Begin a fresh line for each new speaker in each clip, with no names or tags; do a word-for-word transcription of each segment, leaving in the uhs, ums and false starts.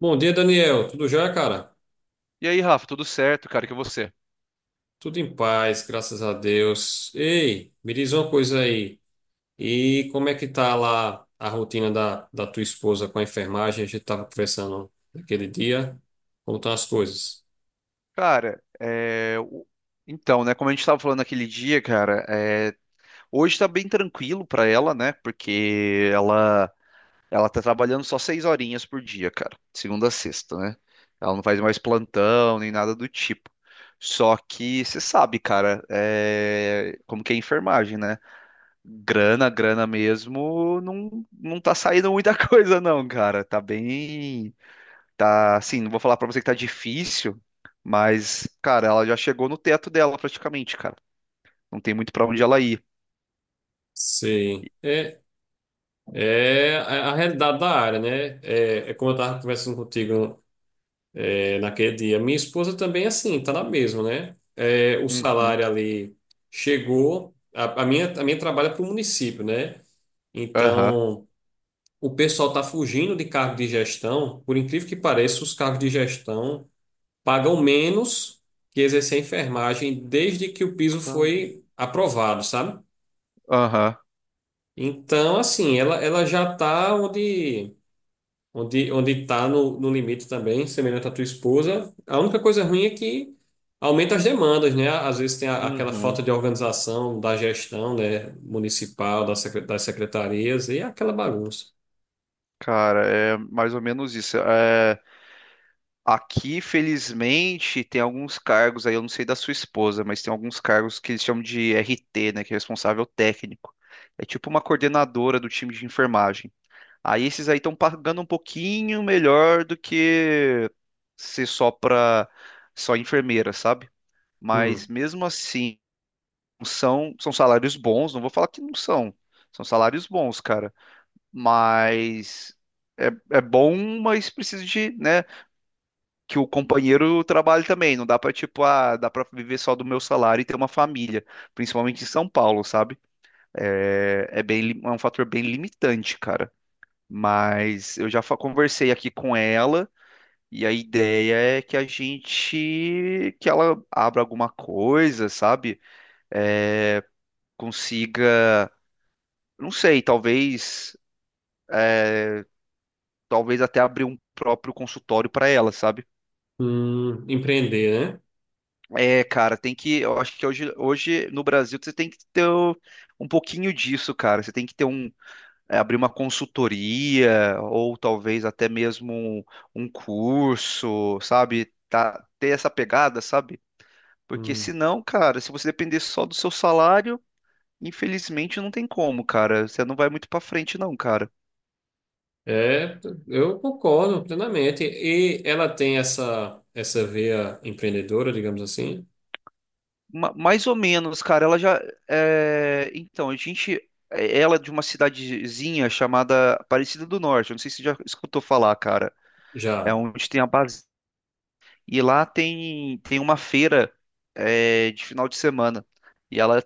Bom dia, Daniel. Tudo já, cara?
E aí, Rafa, tudo certo, cara? Que você?
Tudo em paz, graças a Deus. Ei, me diz uma coisa aí. E como é que tá lá a rotina da, da tua esposa com a enfermagem? A gente tava conversando naquele dia. Como estão as coisas?
Cara, é, o- então, né? Como a gente estava falando naquele dia, cara, é, hoje tá bem tranquilo pra ela, né? Porque ela ela tá trabalhando só seis horinhas por dia, cara, segunda a sexta, né? Ela não faz mais plantão nem nada do tipo. Só que você sabe, cara, é, como que é enfermagem, né? Grana, grana mesmo, não, não tá saindo muita coisa, não, cara. Tá bem. Tá, assim, não vou falar pra você que tá difícil, mas, cara, ela já chegou no teto dela praticamente, cara. Não tem muito pra onde ela ir.
Sim. É, é a a realidade da área, né? É, é como eu estava conversando contigo é, naquele dia. Minha esposa também, é assim, tá na mesma, né? É, o
Uhum.
salário ali chegou. A, a minha, a minha trabalha para o município, né?
Aham.
Então. O pessoal está fugindo de cargo de gestão. Por incrível que pareça, os cargos de gestão pagam menos que exercer a enfermagem desde que o piso
Caramba.
foi aprovado, sabe?
Aham.
Então, assim, ela, ela já está onde onde onde está no, no limite também, semelhante à tua esposa. A única coisa ruim é que aumenta as demandas, né? Às vezes tem a- aquela
Uhum.
falta de organização da gestão, né, municipal, da secre- das secretarias e aquela bagunça.
Cara, é mais ou menos isso. É, aqui, felizmente, tem alguns cargos aí, eu não sei da sua esposa, mas tem alguns cargos que eles chamam de R T, né, que é responsável técnico. É tipo uma coordenadora do time de enfermagem. Aí esses aí estão pagando um pouquinho melhor do que ser só para só enfermeira, sabe? Mas
Hum,
mesmo assim, são são salários bons, não vou falar que não são. São salários bons, cara, mas é, é bom, mas precisa de, né, que o companheiro trabalhe também. Não dá pra, tipo, ah, dá para viver só do meu salário e ter uma família, principalmente em São Paulo, sabe? É, é bem, li- é um fator bem limitante, cara. Mas eu já fa- conversei aqui com ela e a ideia é que a gente, que ela abra alguma coisa, sabe? É, Consiga, não sei, talvez, talvez até abrir um próprio consultório para ela, sabe?
hum, empreender, né?
É, cara, tem que, eu acho que hoje, hoje no Brasil você tem que ter o- um pouquinho disso, cara. Você tem que ter um, é, abrir uma consultoria ou talvez até mesmo um, um curso, sabe? Tá, ter essa pegada, sabe? Porque
Hum.
senão, cara, se você depender só do seu salário, infelizmente não tem como, cara. Você não vai muito pra frente, não, cara.
É, eu concordo plenamente. E ela tem essa, essa veia empreendedora, digamos assim,
Ma- mais ou menos, cara. Ela já. é, Então, a gente. é, Ela é de uma cidadezinha chamada Aparecida do Norte. Eu não sei se você já escutou falar, cara. É
já.
onde tem a base. E lá tem, tem uma feira é, de final de semana. E ela,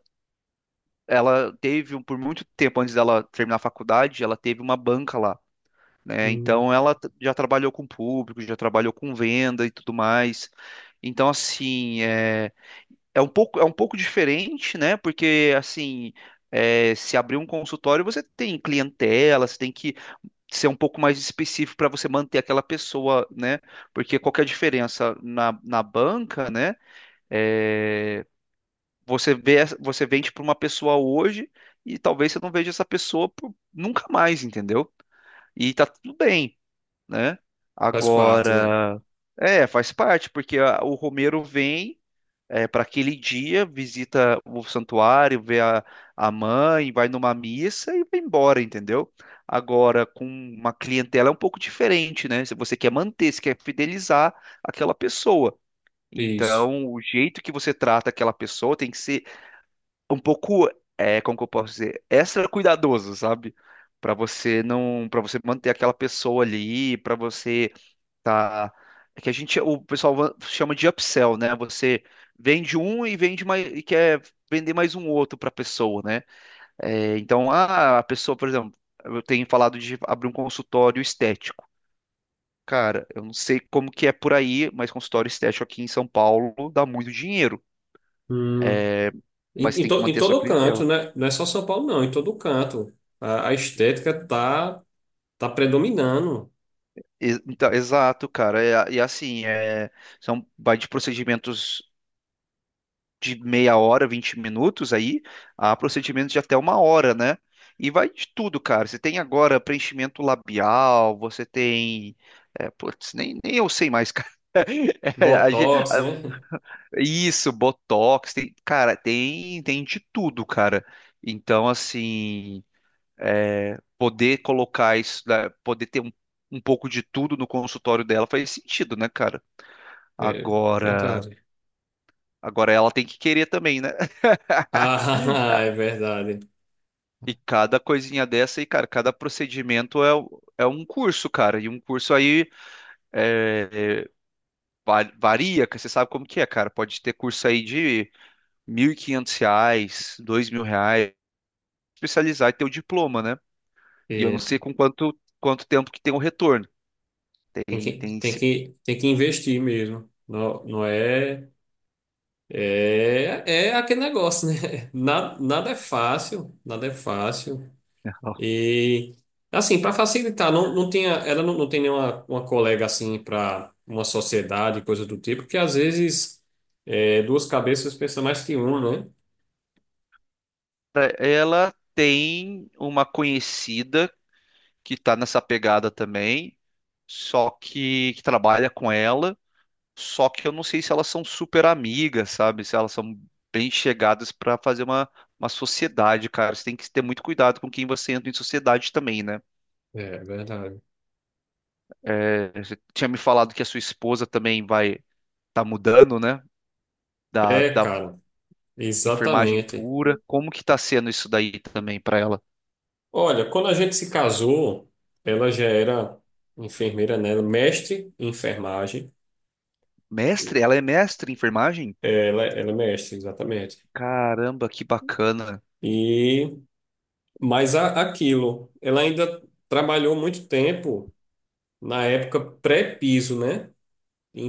Ela teve, um- por muito tempo antes dela terminar a faculdade, ela teve uma banca lá. Né?
Hum.
Então ela t- já trabalhou com público, já trabalhou com venda e tudo mais. Então assim, é, é um pouco é um pouco diferente, né? Porque assim, é, se abrir um consultório, você tem clientela, você tem que ser um pouco mais específico para você manter aquela pessoa, né? Porque qual que é a diferença na, na banca, né? É, Você vê, essa- você vende para uma pessoa hoje e talvez você não veja essa pessoa por- nunca mais, entendeu? E tá tudo bem né?
Faz parte, né?
Agora, é, faz parte, porque a- o Romero vem para aquele dia, visita o santuário, vê a, a mãe, vai numa missa e vai embora, entendeu? Agora, com uma clientela é um pouco diferente, né? Se você quer manter, se quer fidelizar aquela pessoa.
Isso.
Então, o jeito que você trata aquela pessoa tem que ser um pouco, é, como que eu posso dizer, extra cuidadoso, sabe? Para você não, para você manter aquela pessoa ali, para você. Tá. É que a gente, o pessoal va- chama de upsell, né? Você vende um e vende mais e quer vender mais um outro para a pessoa, né? É, então, ah, a pessoa, por exemplo, eu tenho falado de abrir um consultório estético. Cara, eu não sei como que é por aí, mas consultório estético aqui em São Paulo dá muito dinheiro,
Hum. Em,
mas
em,
tem que
to- em
manter a sua
todo canto,
clientela.
né? Não é só São Paulo, não. Em todo canto. A, a estética tá, tá predominando.
E- Então, exato, cara. É- E, assim, é, são, vai de procedimentos de meia hora, vinte minutos aí, a procedimentos de até uma hora, né? E vai de tudo, cara. Você tem agora preenchimento labial, você tem. É, putz, nem, nem eu sei mais, cara. É, a gen-
Botox,
a-
né?
isso, botox, tem, cara, tem, tem de tudo, cara. Então, assim, é, poder colocar isso, né, poder ter um, um pouco de tudo no consultório dela faz sentido, né, cara?
É
Agora,
verdade.
agora ela tem que querer também, né?
Ah, é verdade.
E cada coisinha dessa, e cara, cada procedimento é, u- é um curso, cara. E um curso aí é, é, va- varia, que você sabe como que é, cara. Pode ter curso aí de mil e quinhentos reais, dois mil reais, especializar e ter o diploma, né? E eu não
É,
sei com quanto, quanto tempo que tem o retorno.
tem
Tem,
que,
tem
tem
esse...
que, tem que investir mesmo. Não, não é. É, é aquele negócio, né? Nada, nada é fácil, nada é fácil. E, assim, para facilitar, não, não tinha, ela não, não tem nenhuma uma colega, assim, para uma sociedade, coisa do tipo, porque às vezes é, duas cabeças pensam mais que uma, né?
Ela tem uma conhecida que tá nessa pegada também, só que, que trabalha com ela. Só que eu não sei se elas são super amigas, sabe? Se elas são bem chegadas pra fazer uma, uma sociedade, cara. Você tem que ter muito cuidado com quem você entra em sociedade também, né?
É, verdade.
É, você tinha me falado que a sua esposa também vai tá mudando, né? Da,
É,
da
cara,
enfermagem
exatamente.
pura. Como que tá sendo isso daí também pra ela?
Olha, quando a gente se casou, ela já era enfermeira, né? Ela é Mestre em enfermagem.
Mestre? Ela é mestre em enfermagem?
Ela, ela é mestre, exatamente.
Caramba, que bacana.
E mas a- aquilo, ela ainda trabalhou muito tempo na época pré-piso, né?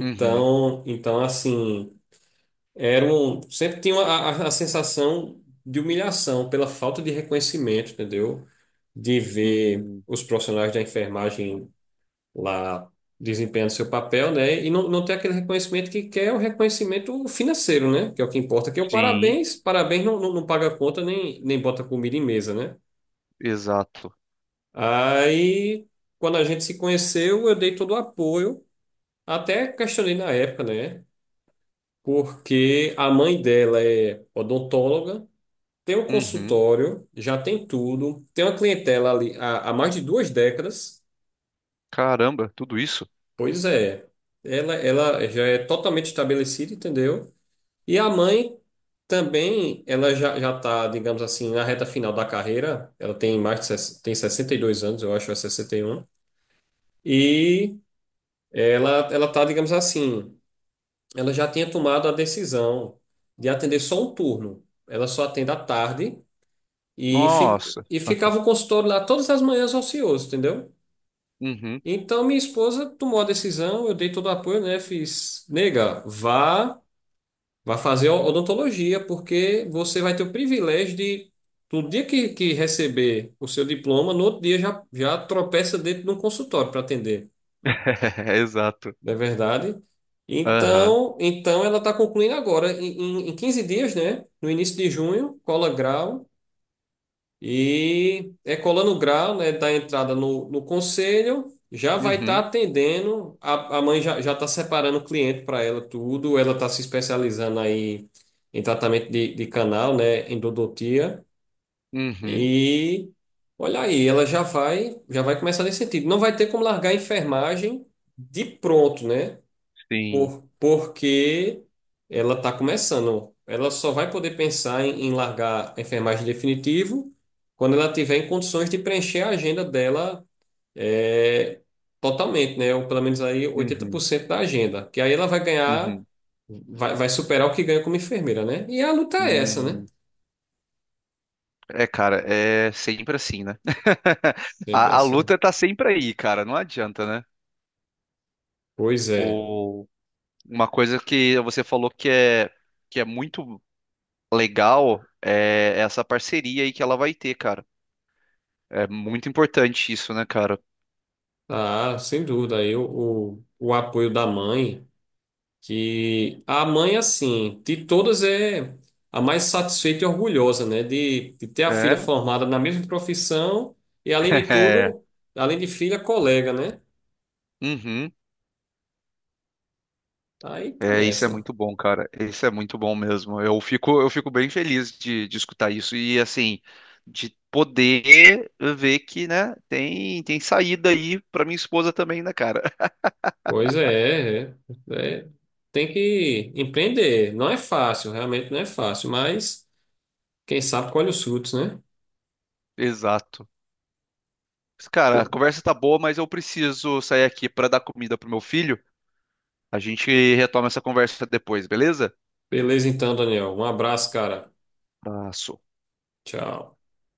Uhum.
então assim, era um, sempre tinha a, a- a sensação de humilhação pela falta de reconhecimento, entendeu? De ver
Hum.
os profissionais da enfermagem lá desempenhando seu papel, né? E não, não ter aquele reconhecimento que quer o reconhecimento financeiro, né? Que é o que importa, que é o
Sim,
parabéns. Parabéns não, não, não paga conta nem, nem bota comida em mesa, né?
exato.
Aí, quando a gente se conheceu, eu dei todo o apoio, até questionei na época, né? Porque a mãe dela é odontóloga, tem um
Uhum.
consultório, já tem tudo, tem uma clientela ali há, há mais de duas décadas.
Caramba, tudo isso?
Pois é, ela, ela já é totalmente estabelecida, entendeu? E a mãe também, ela já, já tá, digamos assim, na reta final da carreira, ela tem mais de, ses- tem sessenta e dois anos, eu acho, ou é sessenta e um. E Ela, ela tá, digamos assim, ela já tinha tomado a decisão de atender só um turno. Ela só atende à tarde e, fi,
Nossa.
e ficava o consultório lá todas as manhãs ocioso, entendeu?
Uhum.
Então minha esposa tomou a decisão, eu dei todo o apoio, né? Fiz, nega, vá, vá fazer odontologia, porque você vai ter o privilégio de, no dia que, que receber o seu diploma, no outro dia já, já tropeça dentro de um consultório para atender.
Exato.
Não é verdade?
Aham.
Então, então ela está concluindo agora, em, em em quinze dias, né? No início de junho, cola grau. E é colando o grau, né? Da entrada no, no conselho, já vai estar
Uhum.
atendendo. A, a mãe já já está separando o cliente para ela, tudo. Ela está se especializando aí em tratamento de, de canal, né? Endodontia.
Uhum.
E olha aí, ela já vai, já vai começar nesse sentido. Não vai ter como largar a enfermagem de pronto, né?
Sim.
Por, porque ela está começando. Ela só vai poder pensar em, em largar a enfermagem definitivo quando ela tiver em condições de preencher a agenda dela é, totalmente, né? Ou pelo menos aí oitenta por
Uhum.
cento da agenda. Que aí ela vai ganhar,
Uhum.
vai, vai superar o que ganha como enfermeira, né? E a luta é essa, né?
Hum. É, cara, é sempre assim, né?
Sempre
A, a
assim.
luta tá sempre aí, cara. Não adianta, né?
Pois é.
O, uma coisa que você falou que é, que é muito legal é essa parceria aí que ela vai ter, cara. É muito importante isso, né, cara?
Ah, sem dúvida. Aí o, o, o apoio da mãe. Que a mãe, assim, de todas é a mais satisfeita e orgulhosa, né? De, de ter a filha
É.
formada na mesma profissão e, além de
É.
tudo, além de filha, colega, né?
Uhum.
Aí tá
É, isso é
nessa.
muito bom, cara. Isso é muito bom mesmo. Eu fico, eu fico bem feliz de, de escutar isso e assim, de poder ver que, né, tem, tem saída aí pra minha esposa também, né, cara?
Pois é, é, é. Tem que empreender. Não é fácil, realmente não é fácil, mas quem sabe colhe os frutos, né?
Exato. Mas, cara, a conversa tá boa, mas eu preciso sair aqui pra dar comida pro meu filho. A gente retoma essa conversa depois, beleza?
Beleza então, Daniel. Um abraço, cara.
Abraço.
Tchau.